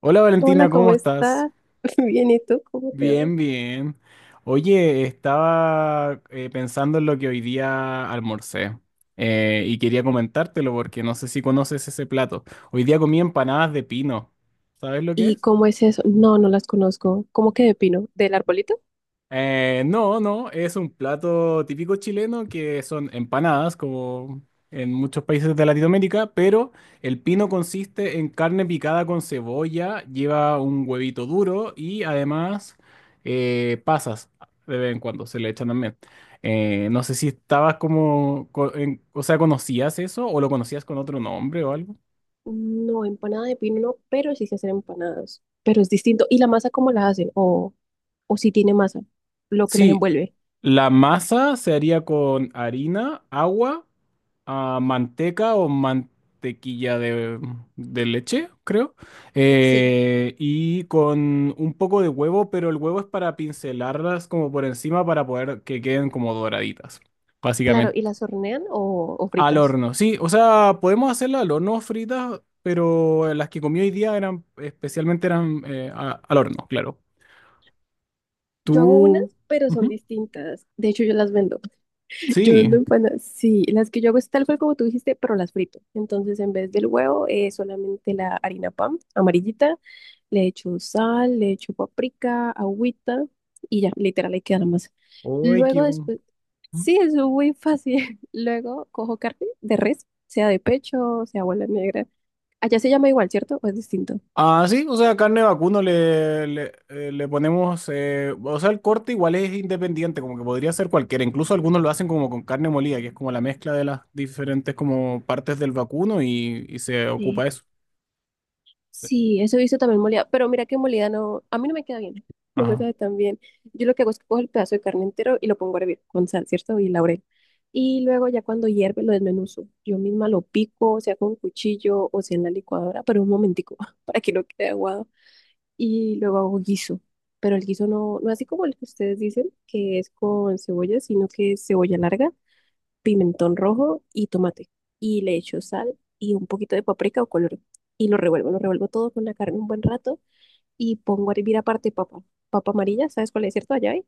Hola Hola, Valentina, ¿cómo ¿cómo estás? estás? Bien, ¿y tú? ¿Cómo te va? Bien, bien. Oye, estaba pensando en lo que hoy día almorcé, y quería comentártelo porque no sé si conoces ese plato. Hoy día comí empanadas de pino. ¿Sabes lo que ¿Y es? cómo es eso? No, no las conozco. ¿Cómo que de pino? ¿Del arbolito? No, no, es un plato típico chileno que son empanadas, como en muchos países de Latinoamérica, pero el pino consiste en carne picada con cebolla, lleva un huevito duro y además pasas de vez en cuando, se le echan también. No sé si estabas como, o sea, ¿conocías eso o lo conocías con otro nombre o algo? No, empanada de pino no, pero sí se hacen empanadas. Pero es distinto. ¿Y la masa cómo la hacen? O si tiene masa? Lo que las Sí, envuelve. la masa se haría con harina, agua, ah, manteca o mantequilla de leche, creo. Sí. Y con un poco de huevo, pero el huevo es para pincelarlas como por encima para poder que queden como doraditas, Claro, básicamente. ¿y las hornean o Al fritas? horno, sí, o sea, podemos hacerlas al horno fritas, pero las que comí hoy día eran, especialmente eran al horno, claro. Yo hago unas, Tú... pero son ujú, distintas. De hecho, yo las vendo. Yo sí. ando empanadas, sí, las que yo hago es tal cual como tú dijiste, pero las frito. Entonces, en vez del huevo, solamente la harina pan amarillita, le echo sal, le echo paprika, agüita y ya, literal, ahí queda la masa. Uy, Luego qué... bu- después, sí, es muy fácil. Luego cojo carne de res, sea de pecho, sea bola negra. Allá se llama igual, ¿cierto? ¿O es distinto? ah, sí, o sea, carne de vacuno le ponemos, o sea, el corte igual es independiente, como que podría ser cualquiera, incluso algunos lo hacen como con carne molida, que es como la mezcla de las diferentes como partes del vacuno y se Sí. ocupa eso. Sí. Sí, eso he visto también molida, pero mira que molida no, a mí no me queda bien, no me Ajá. sabe tan bien. Yo lo que hago es que cojo el pedazo de carne entero y lo pongo a hervir con sal, ¿cierto? Y laurel. Y luego ya cuando hierve lo desmenuzo. Yo misma lo pico, sea con cuchillo o sea en la licuadora, pero un momentico para que no quede aguado. Y luego hago guiso, pero el guiso no, no así como el que ustedes dicen, que es con cebolla, sino que es cebolla larga, pimentón rojo y tomate. Y le echo sal y un poquito de paprika o color. Y lo revuelvo todo con la carne un buen rato y pongo a hervir aparte papa. Papa amarilla, ¿sabes cuál es, cierto? Allá hay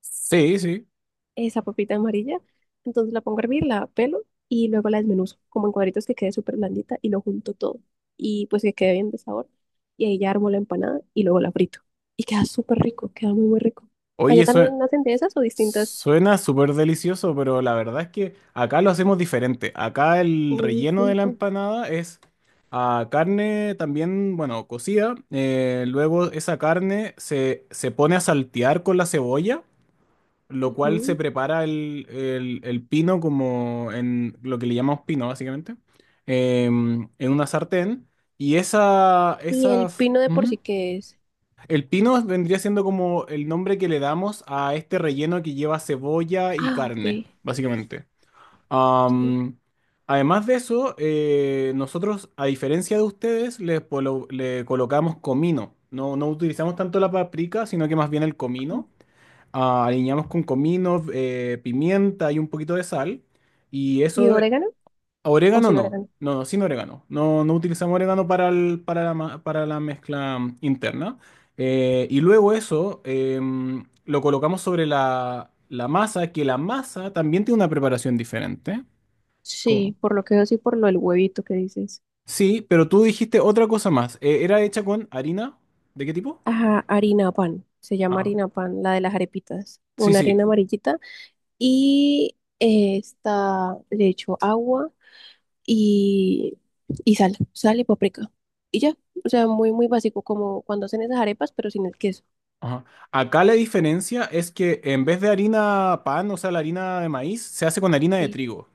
Sí, sí. esa papita amarilla. Entonces la pongo a hervir, la pelo y luego la desmenuzo como en cuadritos que quede súper blandita y lo junto todo. Y pues que quede bien de sabor. Y ahí ya armo la empanada y luego la frito. Y queda súper rico, queda muy, muy rico. Oye, ¿Allá eso, también hacen de esas o distintas? suena súper delicioso, pero la verdad es que acá lo hacemos diferente. Acá el Muy relleno de la distintas. empanada es a carne también, bueno, cocida. Luego esa carne se pone a saltear con la cebolla, lo cual se Ujú. prepara el pino como en lo que le llamamos pino, básicamente, en una sartén. Y ¿Y esa, el pino de por ujú, sí qué es? el pino vendría siendo como el nombre que le damos a este relleno que lleva cebolla y Ah, ok. carne, básicamente. Sí. Am, además de eso, nosotros, a diferencia de ustedes, le colocamos comino. No, no utilizamos tanto la paprika, sino que más bien el Oh. comino. Ah, aliñamos con comino, pimienta y un poquito de sal. Y ¿Y eso. orégano o Orégano sin no, orégano? no, no, sin orégano. No, no utilizamos orégano para, para, para la mezcla interna. Y luego eso, lo colocamos sobre la masa, que la masa también tiene una preparación diferente. ¿Cómo? Sí, por lo que veo, sí, por lo del huevito que dices. Sí, pero tú dijiste otra cosa más. ¿Era hecha con harina? ¿De qué tipo? Ajá, harina pan. Se llama Ah, harina pan, la de las arepitas. sí, Una harina sí. amarillita. Y está, le echo agua y, y sal, sal y paprika. Y ya, o sea, muy, muy básico, como cuando hacen esas arepas, pero sin el queso. Ajá. Acá la diferencia es que en vez de harina pan, o sea, la harina de maíz, se hace con harina de Sí. trigo.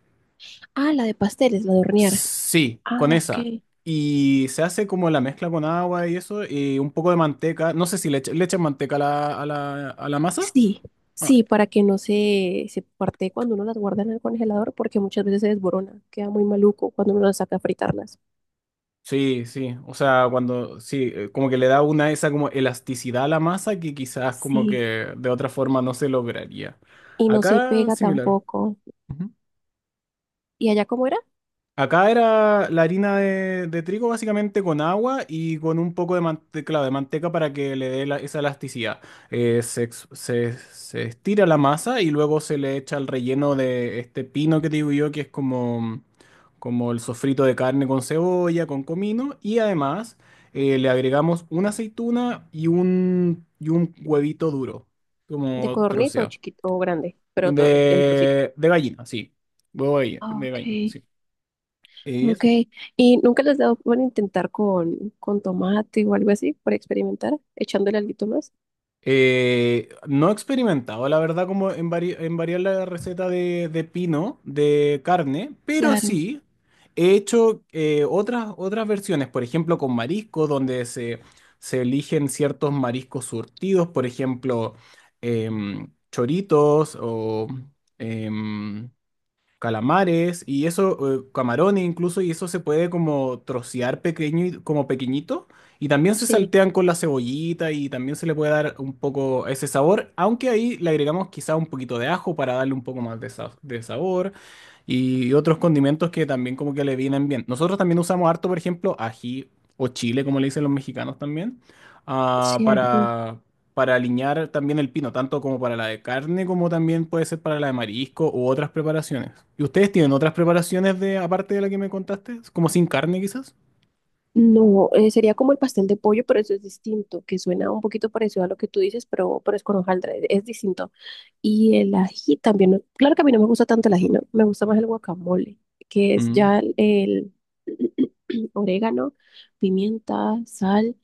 Ah, la de pasteles, la de hornear. Sí, Ah, con ok. esa. Y se hace como la mezcla con agua y eso, y un poco de manteca. No sé si le, le echan manteca a a la masa. Sí, Ah, sí, para que no se, se parte cuando uno las guarda en el congelador, porque muchas veces se desborona, queda muy maluco cuando uno las saca a fritarlas. sí, sí. O sea, cuando, sí, como que le da una esa como elasticidad a la masa que quizás como Sí, que de otra forma no se lograría. y no se Acá pega similar. tampoco. ¿Y allá cómo era? Acá era la harina de trigo básicamente con agua y con un poco de, claro, de manteca para que le dé esa elasticidad. Se estira la masa y luego se le echa el relleno de este pino que te digo yo, que es como, como el sofrito de carne con cebolla, con comino. Y además le agregamos una aceituna y un huevito duro, ¿De como codorniz o troceado. chiquito o grande? Pero todo en trocito. De gallina, sí. Huevo Ah, de ok, gallina, ok. sí. ¿Y nunca les dado por intentar con tomate o algo así, para experimentar, echándole algo más? No he experimentado, la verdad, como en, en variar la receta de pino, de carne, pero Claro, sí he hecho otras versiones, por ejemplo, con marisco, donde se eligen ciertos mariscos surtidos, por ejemplo, choritos o... em, calamares y eso, camarones incluso, y eso se puede como trocear pequeño, como pequeñito, y también se sí, saltean con la cebollita y también se le puede dar un poco ese sabor, aunque ahí le agregamos quizá un poquito de ajo para darle un poco más de, de sabor, y otros condimentos que también como que le vienen bien. Nosotros también usamos harto, por ejemplo, ají o chile, como le dicen los mexicanos también, ah, sí, ají. Para aliñar también el pino, tanto como para la de carne, como también puede ser para la de marisco u otras preparaciones. ¿Y ustedes tienen otras preparaciones de, aparte de la que me contaste? ¿Como sin carne quizás? No, sería como el pastel de pollo, pero eso es distinto, que suena un poquito parecido a lo que tú dices, pero es con hojaldre, es distinto. Y el ají también, no claro que a mí no me gusta tanto el ají, no, me gusta más el guacamole, que es Mm. ya el orégano, pimienta, sal,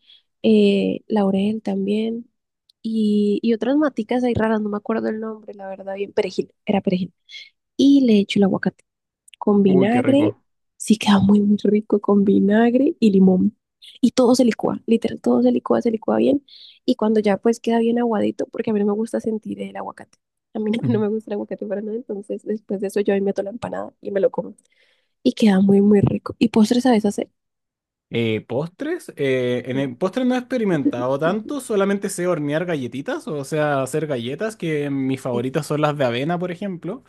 laurel también, y otras maticas ahí raras, no me acuerdo el nombre, la verdad, bien, perejil, era perejil. Y le echo el aguacate con Uy, qué vinagre, rico. sí queda muy, muy rico con vinagre y limón. Y todo se licúa, literal, todo se licúa bien. Y cuando ya pues queda bien aguadito, porque a mí no me gusta sentir el aguacate. A mí no, no me gusta el aguacate para nada, entonces después de eso yo ahí meto la empanada y me lo como. Y queda muy, muy rico. ¿Y postre sabes hacer? Postres, en el postre no he experimentado tanto, solamente sé hornear galletitas, o sea, hacer galletas, que mis favoritas son las de avena, por ejemplo,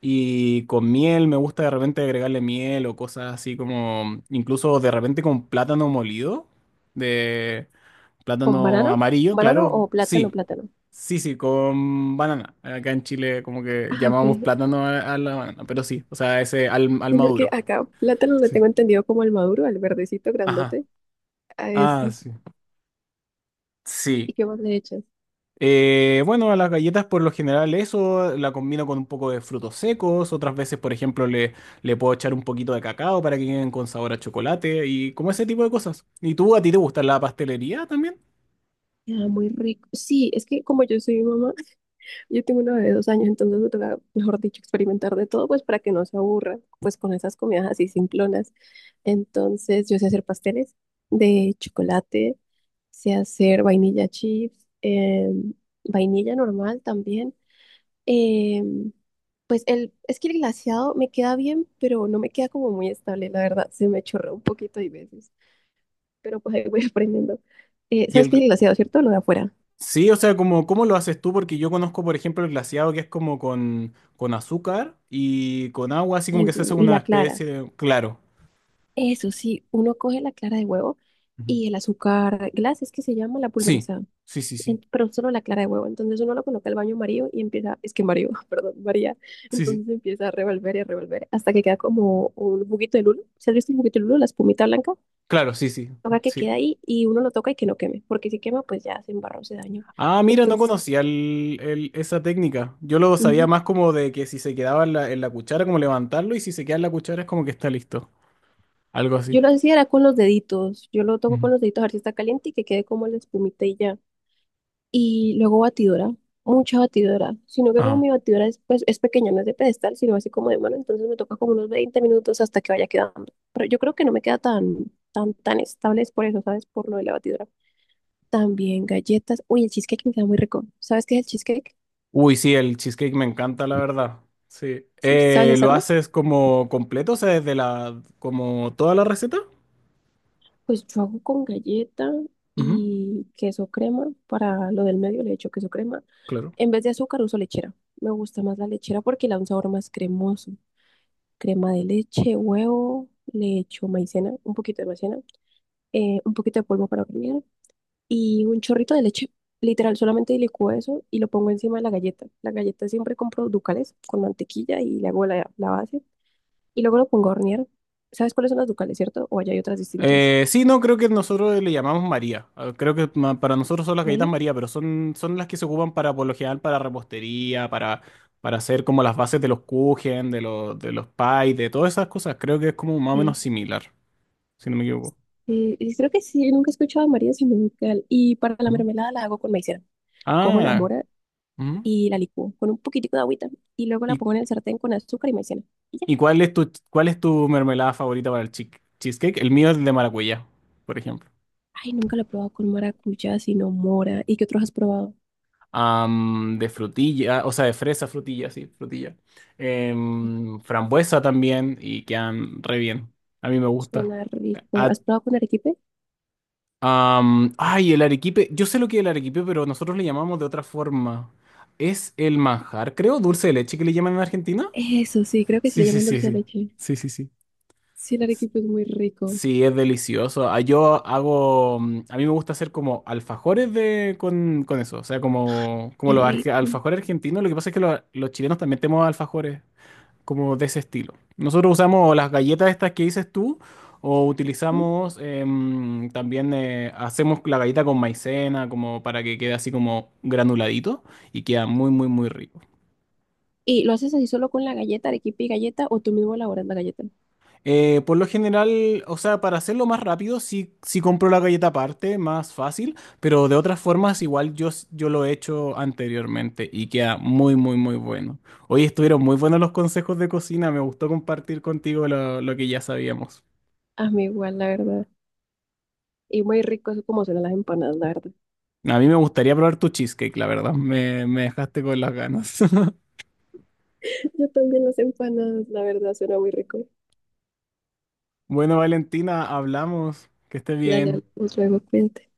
y con miel, me gusta de repente agregarle miel o cosas así como, incluso de repente con plátano molido, de ¿Con plátano banano? amarillo, ¿Banano claro, o plátano, sí, plátano? sí, sí, con banana, acá en Chile como que Ah, llamamos ok. plátano a la banana, pero sí, o sea, ese al Sino que maduro. acá plátano le Sí. tengo entendido como el maduro, al verdecito Ajá, grandote. A ah, ese. sí. ¿Y Sí, qué más le echas? eh, bueno, a las galletas por lo general eso la combino con un poco de frutos secos, otras veces por ejemplo le, le puedo echar un poquito de cacao para que queden con sabor a chocolate y como ese tipo de cosas. ¿Y tú a ti te gusta la pastelería también? Queda muy rico. Sí, es que como yo soy mamá, yo tengo una bebé de 2 años, entonces me toca, mejor dicho, experimentar de todo, pues para que no se aburra, pues con esas comidas así simplonas. Entonces, yo sé hacer pasteles de chocolate, sé hacer vainilla chips, vainilla normal también. em, pues el, es que el glaseado me queda bien, pero no me queda como muy estable, la verdad, se me chorrea un poquito hay veces, pero pues ahí voy aprendiendo. Y ¿Sabes el, qué es gl- el glaseado, cierto? Lo de afuera. sí, o sea, como, ¿cómo lo haces tú? Porque yo conozco por ejemplo el glaseado que es como con azúcar y con agua, así como Y, que se hace y una la clara. especie de... Claro. Eso sí, uno coge la clara de huevo Ujú. y el azúcar glass, es que se llama la Sí, pulverizada, sí, sí, sí, pero solo la clara de huevo. Entonces uno lo coloca al baño María y empieza, es que María, perdón, María. sí, sí. Entonces empieza a revolver y a revolver hasta que queda como un juguito de lulo. ¿Se has visto el juguito de lulo, la espumita blanca? Claro, sí, sí, Toca que sí. queda ahí y uno lo toca y que no queme, porque si quema, pues ya se embarró, se daño. Ah, mira, no Entonces, conocía esa técnica. Yo lo sabía ujú, más como de que si se quedaba en en la cuchara, como levantarlo, y si se queda en la cuchara es como que está listo. Algo así. yo lo hacía era con los deditos. Yo lo toco con Ujú. los deditos a ver si está caliente y que quede como la espumita y ya. Y luego batidora, mucha batidora, sino que como Ajá. mi batidora es, pues, es pequeña, no es de pedestal, sino así como de mano, entonces me toca como unos 20 minutos hasta que vaya quedando. Pero yo creo que no me queda tan, tan, tan estable, es por eso, ¿sabes? Por lo de la batidora. También galletas, uy, el cheesecake me queda muy rico. ¿Sabes qué es el cheesecake? Uy, sí, el cheesecake me encanta, la verdad. Sí. Sí. ¿Sabes ¿Lo hacerlo? haces como completo? O sea, desde la, como toda la receta. Pues yo hago con galleta Ujú, y queso crema, para lo del medio le echo queso crema. claro. En vez de azúcar uso lechera. Me gusta más la lechera porque le da un sabor más cremoso. Crema de leche, huevo, le echo maicena, un poquito de maicena, un poquito de polvo para hornear y un chorrito de leche. Literal, solamente licúo eso y lo pongo encima de la galleta. La galleta siempre compro ducales con mantequilla y le hago la, la base y luego lo pongo a hornear. ¿Sabes cuáles son las ducales, cierto? O allá hay otras distintas. Sí, no, creo que nosotros le llamamos María. Ah, creo que para nosotros son las galletas María. María, pero son, son las que se ocupan para, por lo general, para repostería, para hacer como las bases de los kuchen, de los pies, de todas esas cosas. Creo que es como más o Sí. menos similar, si no me equivoco. Y creo que sí, nunca he escuchado a María sin un ducal. Y para la Ujú. mermelada la hago con maicena. Cojo la Ah, mora ujú. y la licúo con un poquitico de agüita y luego la ¿Y, pongo en el sartén con azúcar y maicena. Y ya. y cuál es tu mermelada favorita para el cheesecake? El mío es el de maracuyá, por ejemplo. Ay, nunca lo he probado con maracuyá, sino mora. ¿Y qué otros has probado? Am, de frutilla, o sea, de fresa, frutilla, sí, frutilla. Em, frambuesa también y quedan re bien. A mí me gusta. Suena rico. A- ¿Has probado con arequipe? Ay, el arequipe. Yo sé lo que es el arequipe, pero nosotros le llamamos de otra forma. Es el manjar, creo, dulce de leche que le llaman en Argentina. Eso sí, creo que sí le Sí, sí, llaman sí, dulce de sí. leche. Sí, sí, sí. Sí, el arequipe es muy rico. Sí, es delicioso. Ah, yo hago, mm, a mí me gusta hacer como alfajores de, con eso, o sea, como, como Qué los rico. alfajores argentinos, lo que pasa es que los chilenos también tenemos alfajores como de ese estilo. Nosotros usamos las galletas estas que dices tú, o ¿Mm? utilizamos también, hacemos la galleta con maicena, como para que quede así como granuladito y queda muy, muy, muy rico. ¿Y lo haces así solo con la galleta, arequipe y galleta, o tú mismo elaboras la galleta? Por lo general, o sea, para hacerlo más rápido, sí, sí compro la galleta aparte, más fácil, pero de otras formas igual yo, yo lo he hecho anteriormente y queda muy, muy, muy bueno. Hoy estuvieron muy buenos los consejos de cocina, me gustó compartir contigo lo que ya sabíamos. A mí igual, la verdad. Y muy rico, eso como suenan las empanadas, la verdad. A mí me gustaría probar tu cheesecake, la verdad, me dejaste con las ganas. Yo también las empanadas, la verdad, suena muy rico. Bueno, Valentina, hablamos, que estés bien. Dale, nos vemos, cuídate.